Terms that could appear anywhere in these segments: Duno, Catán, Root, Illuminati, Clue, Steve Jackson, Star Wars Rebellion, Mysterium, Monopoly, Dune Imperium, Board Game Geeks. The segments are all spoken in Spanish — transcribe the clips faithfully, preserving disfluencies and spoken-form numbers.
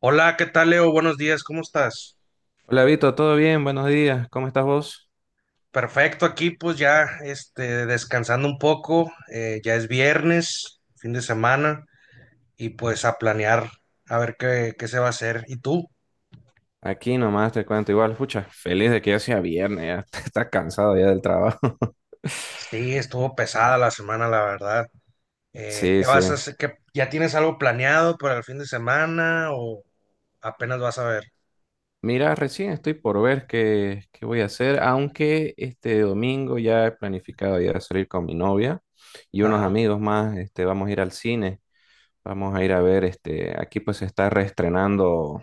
Hola, ¿qué tal, Leo? Buenos días, ¿cómo estás? Hola Vito, ¿todo bien? Buenos días, ¿cómo estás vos? Perfecto, aquí pues ya este, descansando un poco, eh, ya es viernes, fin de semana, y pues a planear a ver qué, qué se va a hacer. ¿Y tú? Aquí nomás te cuento igual, pucha, feliz de que ya sea viernes, ya estás cansado ya del trabajo. Sí, estuvo pesada la semana, la verdad. Eh, Sí, ¿qué sí. vas a hacer? ¿Qué- ya tienes algo planeado para el fin de semana o apenas vas a ver? Mira, recién estoy por ver qué, qué voy a hacer, aunque este domingo ya he planificado ya salir con mi novia y unos Ajá. amigos más, este, vamos a ir al cine, vamos a ir a ver, este, aquí pues se está reestrenando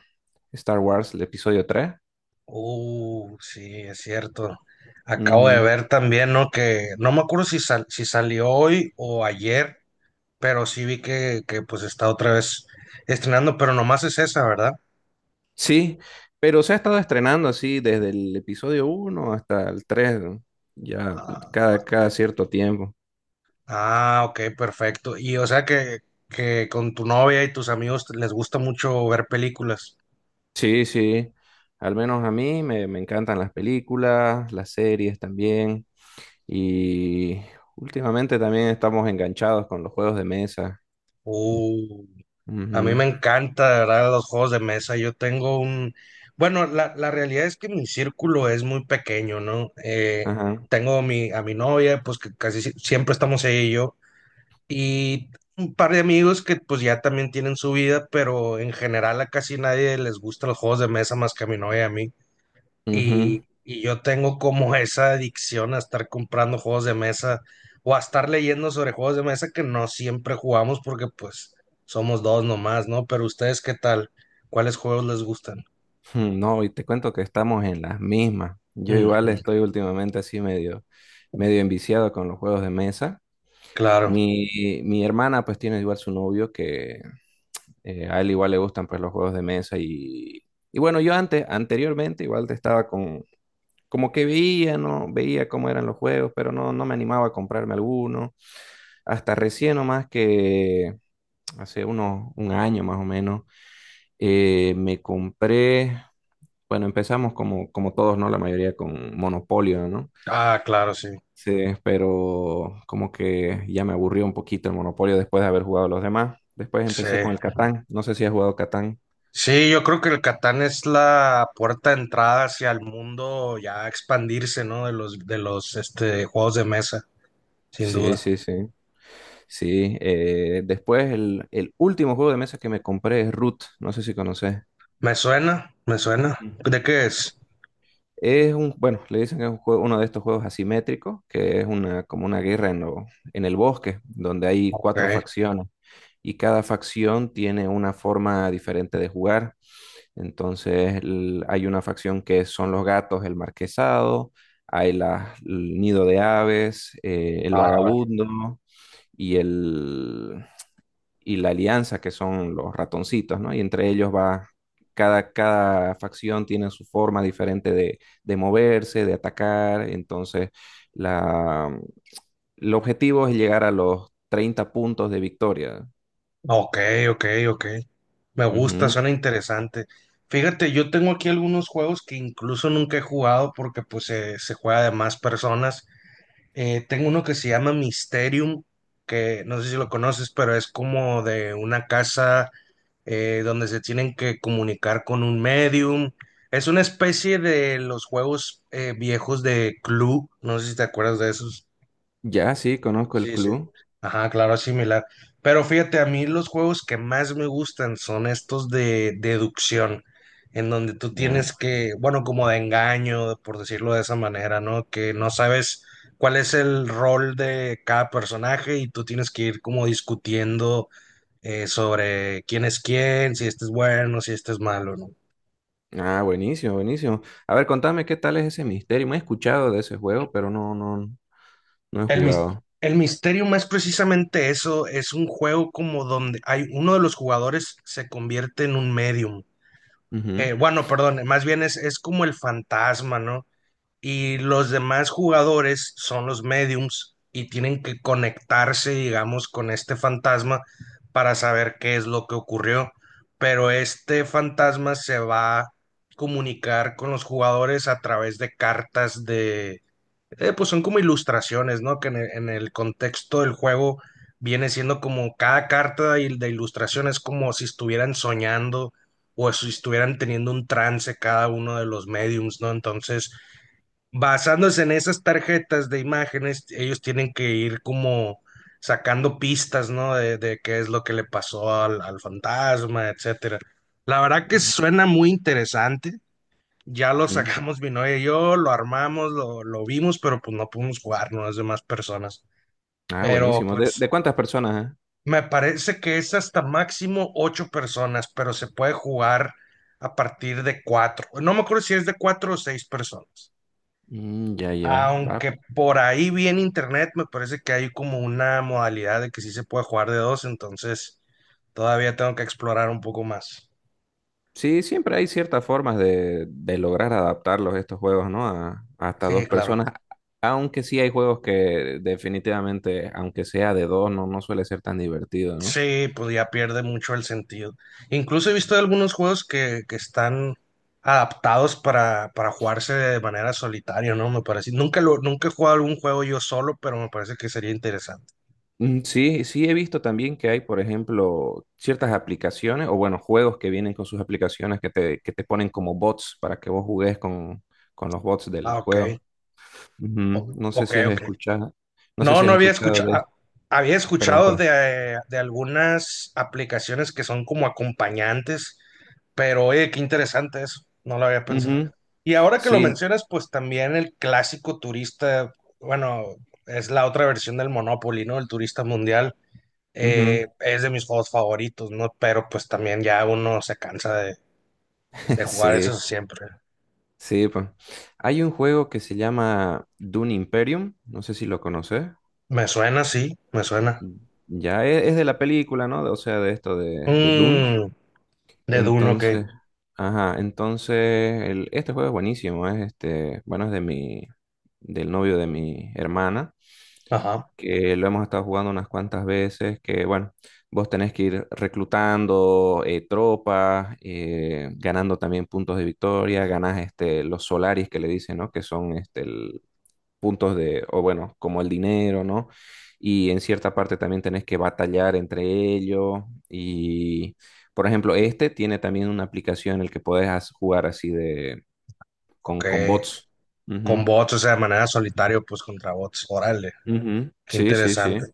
Star Wars, el episodio tres. Uh, sí, es cierto. Acabo de ver también, ¿no? Que no me acuerdo si, sal- si salió hoy o ayer, pero sí vi que, que, pues está otra vez estrenando, pero nomás es esa, ¿verdad? Sí, pero se ha estado estrenando así desde el episodio uno hasta el tres, ¿no? Ya Ah, cada, cada cierto tiempo. ah, ok, perfecto. Y o sea que, que con tu novia y tus amigos te- les gusta mucho ver películas. Sí, sí, al menos a mí me, me encantan las películas, las series también, y últimamente también estamos enganchados con los juegos de mesa. Uh, a mí Ujú. me encanta, de ¿verdad? Los juegos de mesa. Yo tengo un. Bueno, la, la realidad es que mi círculo es muy pequeño, ¿no? Eh, Ajá. tengo mi, a mi novia, pues que casi si- siempre estamos ella y yo. Y un par de amigos que pues ya también tienen su vida, pero en general a casi nadie les gustan los juegos de mesa más que a mi novia y a mí. Ujú. Y, y yo tengo como esa adicción a estar comprando juegos de mesa o a estar leyendo sobre juegos de mesa que no siempre jugamos porque pues somos dos nomás, ¿no? Pero ustedes, ¿qué tal? ¿Cuáles juegos les gustan? Hmm, No, y te cuento que estamos en las mismas. Yo Ujú, igual estoy últimamente así medio, medio enviciado con los juegos de mesa. claro. Mi, mi hermana pues tiene igual su novio que eh, a él igual le gustan pues los juegos de mesa y, y bueno, yo antes, anteriormente igual te estaba con, como que veía, ¿no? Veía cómo eran los juegos, pero no, no me animaba a comprarme alguno. Hasta recién nomás que hace unos, un año más o menos, eh, me compré, bueno, empezamos como, como todos, ¿no? La mayoría con Monopolio, ¿no? Ah, claro, sí. Sí, pero como que ya me aburrió un poquito el Monopolio después de haber jugado los demás. Después Sí. empecé con el Catán. No sé si has jugado Catán. Sí, yo creo que el Catán es la puerta de entrada hacia el mundo ya expandirse, ¿no? De los, de los este, juegos de mesa, sin Sí, duda. sí, sí. Sí. Eh, después el, el último juego de mesa que me compré es Root. No sé si conoces. Me suena, me suena. Mm. ¿De qué es? Es un, bueno, le dicen que es un juego- uno de estos juegos asimétricos, que es una, como una guerra en, lo- en el bosque, donde hay Ok. cuatro facciones y cada facción tiene una forma diferente de jugar. Entonces el- hay una facción que son los gatos, el marquesado, hay la el nido de aves, eh, el Ah, vagabundo y, el, y la alianza, que son los ratoncitos, ¿no? Y entre ellos va, cada, cada facción tiene su forma diferente de, de moverse, de atacar. Entonces la, el objetivo es llegar a los treinta puntos de victoria. ok, ok, ok. Me gusta, Ujú. suena interesante. Fíjate, yo tengo aquí algunos juegos que incluso nunca he jugado porque pues se, se juega de más personas. Eh, tengo uno que se llama Mysterium, que no sé si lo conoces, pero es como de una casa, eh, donde se tienen que comunicar con un medium. Es una especie de los juegos eh, viejos de Clue, no sé si te acuerdas de esos. Ya, sí, conozco el Sí, sí. club. Ajá, claro, es similar. Pero fíjate, a mí los juegos que más me gustan son estos de deducción, en donde tú Ya. tienes que, bueno, como de engaño, por decirlo de esa manera, ¿no? Que no sabes cuál es el rol de cada personaje y tú tienes que ir como discutiendo, eh, sobre quién es quién, si este es bueno, si este es malo, ¿no? Ah, buenísimo, buenísimo. A ver, contame qué tal es ese misterio. Me he escuchado de ese juego, pero no, no, no he El, mis- jugado. el misterio, más precisamente eso, es un juego como donde hay uno de los jugadores se convierte en un medium. Eh, Ujú, Bueno, perdón, eh, más bien es, es como el fantasma, ¿no? Y los demás jugadores son los mediums y tienen que conectarse, digamos, con este fantasma para saber qué es lo que ocurrió. Pero este fantasma se va a comunicar con los jugadores a través de cartas de, eh, pues son como ilustraciones, ¿no? Que en el, en el contexto del juego viene siendo como cada carta de, il- de ilustración, es como si estuvieran soñando o si estuvieran teniendo un trance cada uno de los mediums, ¿no? Entonces, basándose en esas tarjetas de imágenes, ellos tienen que ir como sacando pistas, ¿no? De, de qué es lo que le pasó al, al fantasma, etcétera. La verdad que mm, suena muy interesante. Ya lo ujú. sacamos mi novia y yo, lo armamos, lo, lo vimos, pero pues no pudimos jugar, no las demás personas. Ah, Pero buenísimo. ¿De, de pues cuántas personas, eh? me parece que es hasta máximo ocho personas, pero se puede jugar a partir de cuatro. No me acuerdo si es de cuatro o seis personas. Mm, ya, ya. Va. Aunque por ahí vi en internet, me parece que hay como una modalidad de que sí se puede jugar de dos, entonces todavía tengo que explorar un poco más. Sí, siempre hay ciertas formas de, de lograr adaptarlos estos juegos, ¿no? A, hasta Sí, dos claro. personas. Aunque sí hay juegos que definitivamente, aunque sea de dos, no, no suele ser tan divertido, ¿no? Sí, pues ya pierde mucho el sentido. Incluso he visto algunos juegos que, que están adaptados para, para jugarse de manera solitaria, ¿no? Me parece. Nunca lo, nunca he jugado algún juego yo solo, pero me parece que sería interesante. Mm, Sí, sí he visto también que hay, por ejemplo, ciertas aplicaciones o bueno, juegos que vienen con sus aplicaciones que te, que te ponen como bots para que vos jugues con, con los bots del Ah, ok. juego. Ujú. O- No sé Ok, si has ok. escuchado, no sé No, si no has había escuchado escuchado, de esto. había Perdón, escuchado de, perdón. eh, de algunas aplicaciones que son como acompañantes, pero oye, qué interesante eso, no lo había pensado. Ujú. Y ahora que lo Sí, mencionas, pues también el clásico turista, bueno, es la otra versión del Monopoly, ¿no? El turista mundial, eh, ujú. es de mis juegos favoritos, ¿no? Pero pues también ya uno se cansa de, de jugar Sí, eso siempre. sí, pues. Hay un juego que se llama Dune Imperium, no sé si lo conoces. Me suena, sí, me suena. Ya es, es de la película, ¿no? O sea, de esto de, de Dune. Mm, de Duno, ok. Entonces, ajá, entonces el, este juego es buenísimo, es este, bueno, es de mi, del novio de mi hermana, Ajá, que lo hemos estado jugando unas cuantas veces, que bueno, vos tenés que ir reclutando eh, tropas, eh, ganando también puntos de victoria, ganás este, los solaris que le dicen, ¿no? Que son este, puntos de, o bueno, como el dinero, ¿no? Y en cierta parte también tenés que batallar entre ellos. Y, por ejemplo, este tiene también una aplicación en la que podés as- jugar así de, con, ok. con bots. Con bots, o sea, de manera solitario, pues contra bots. Órale, Ujú, ujú. qué Sí, sí, sí. interesante.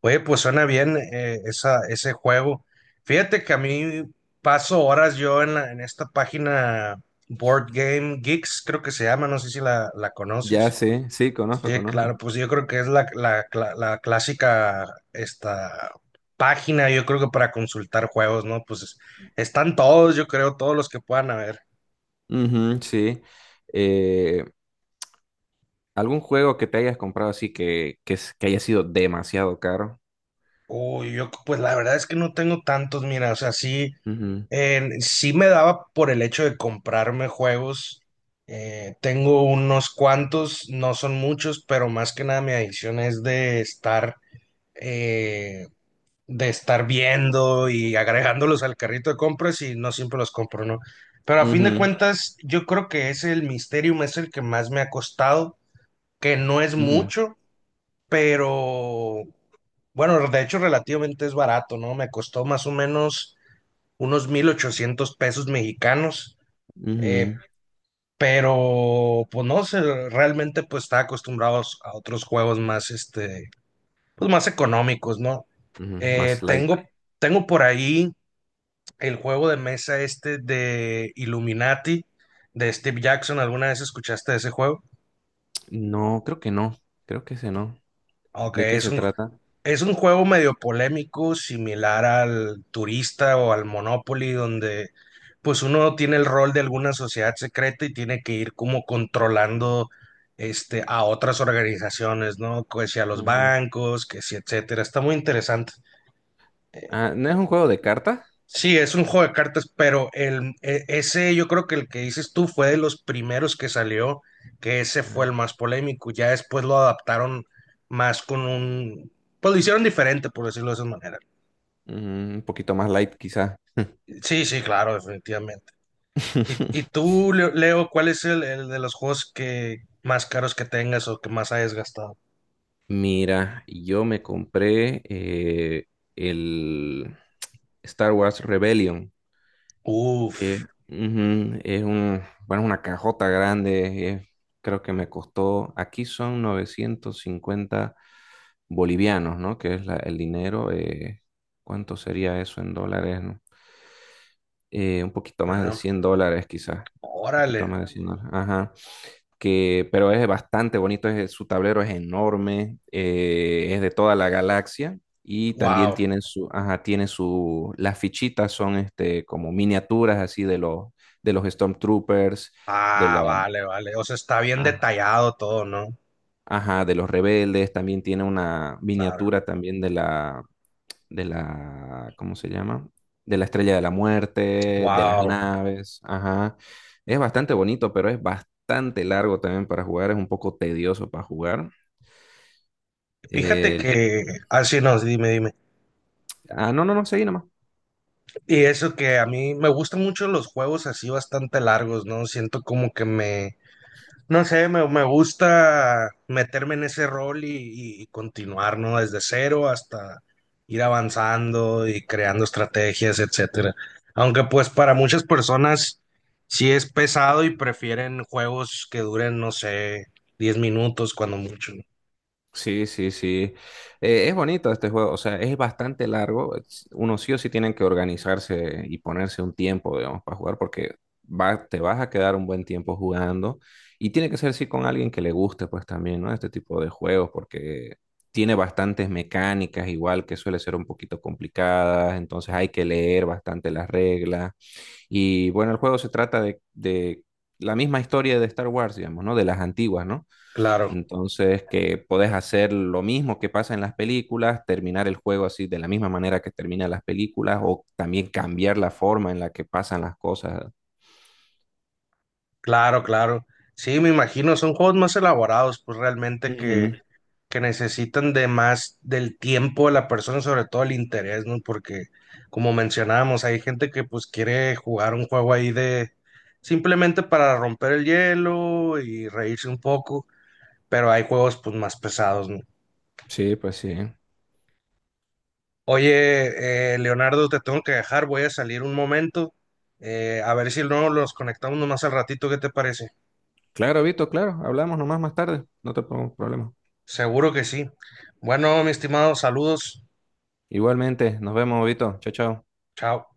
Oye, pues suena bien, eh, esa, ese juego. Fíjate que a mí paso horas yo en, la- en esta página Board Game Geeks, creo que se llama, no sé si la, la Ya conoces. sé, sí, conozco, Sí, conozco. claro, pues yo creo que es la, la, cla- la clásica esta página, yo creo que para consultar juegos, ¿no? Pues están todos, yo creo, todos los que puedan haber. Ujú, sí. Eh, ¿algún juego que te hayas comprado así que, que, es- que haya sido demasiado caro? Uy, yo pues la verdad es que no tengo tantos, mira, o sea, sí, Ujú, en- sí me daba por el hecho de comprarme juegos. Eh, tengo unos cuantos, no son muchos, pero más que nada mi adicción es de estar, eh, de estar viendo y agregándolos al carrito de compras y no siempre los compro, ¿no? Pero a fin de ujú, cuentas, yo creo que es el Mysterium, es el que más me ha costado, que no es ujú, mucho, pero bueno, de hecho relativamente es barato, ¿no? Me costó más o menos unos mil ochocientos pesos mexicanos, eh, ujú, pero pues no sé, realmente pues está acostumbrado a otros juegos más, este, pues más económicos, ¿no? ujú. Eh, Más light. tengo, tengo por ahí el juego de mesa este de Illuminati, de Steve Jackson. ¿Alguna vez escuchaste de ese juego? No, creo que no. Creo que ese no. Ok, ¿De qué es se un, trata? es un juego medio polémico, similar al turista o al Monopoly, donde pues uno tiene el rol de alguna sociedad secreta y tiene que ir como controlando este a otras organizaciones, ¿no? Que si a los Ujú. bancos, que si etcétera. Está muy interesante. Ah, ¿no es un juego de cartas? Sí, es un juego de cartas, pero el e- ese yo creo que el que dices tú fue de los primeros que salió, que ese fue el Ah, más polémico. Ya después lo adaptaron más con un, pues lo hicieron diferente, por decirlo de esa manera. mm, un poquito más light, quizá. Sí, sí, claro, definitivamente. ¿Y, y tú, Leo, Leo, cuál es el, el de los juegos que más caros que tengas o que más hayas gastado? Mira, yo me compré eh, el Star Wars Rebellion, Uf, que ujú, es un, bueno, una cajota grande. Eh, creo que me costó, aquí son novecientos cincuenta bolivianos, ¿no? Que es la- el dinero. Eh, ¿cuánto sería eso en dólares? ¿No? Eh, un poquito más de ajá, cien dólares quizás, un poquito órale, más de cien dólares, ajá, que, pero es bastante bonito, es- su tablero es enorme, eh, es de toda la galaxia y también wow. tiene su, ajá, tiene su, las fichitas son este, como miniaturas así de los, de los Stormtroopers, de Ah, la, vale, vale. O sea, está bien ah, detallado todo, ¿no? ajá, de los rebeldes, también tiene una Claro. miniatura también de la de la, ¿cómo se llama? De la estrella de la muerte, de las Wow. naves, ajá. Es bastante bonito, pero es bastante largo también para jugar, es un poco tedioso para jugar. Fíjate El- que, así no, dime, dime. ah, no, no, no, seguí nomás. Y eso que a mí me gustan mucho los juegos así bastante largos, ¿no? Siento como que me No sé, me, me gusta meterme en ese rol y, y continuar, ¿no? Desde cero hasta ir avanzando y creando estrategias, etcétera. Aunque pues para muchas personas sí es pesado y prefieren juegos que duren, no sé, diez minutos cuando mucho, ¿no? Sí, sí, sí. Eh, es bonito este juego, o sea, es bastante largo. es- Uno sí o sí tienen que organizarse y ponerse un tiempo, digamos, para jugar, porque va, te vas a quedar un buen tiempo jugando. Y tiene que ser sí con alguien que le guste, pues también, ¿no? Este tipo de juegos, porque tiene bastantes mecánicas, igual que suele ser un poquito complicadas, entonces hay que leer bastante las reglas. Y bueno, el juego se trata de, de la misma historia de Star Wars, digamos, ¿no? De las antiguas, ¿no? Claro, Entonces, que podés hacer lo mismo que pasa en las películas, terminar el juego así de la misma manera que terminan las películas o también cambiar la forma en la que pasan las cosas. claro, claro. Sí, me imagino, son juegos más elaborados, pues realmente que Ujú. que necesitan de más del tiempo de la persona, sobre todo el interés, ¿no? Porque, como mencionábamos, hay gente que pues quiere jugar un juego ahí de simplemente para romper el hielo y reírse un poco, pero hay juegos pues más pesados, ¿no? Sí, pues sí. Oye, eh, Leonardo, te tengo que dejar, voy a salir un momento, eh, a ver si no los conectamos nomás al ratito, ¿qué te parece? Claro, Vito, claro. Hablamos nomás más tarde. No te pongo problema. Seguro que sí. Bueno, mi estimado, saludos, Igualmente, nos vemos, Vito. Chao, chao. chao.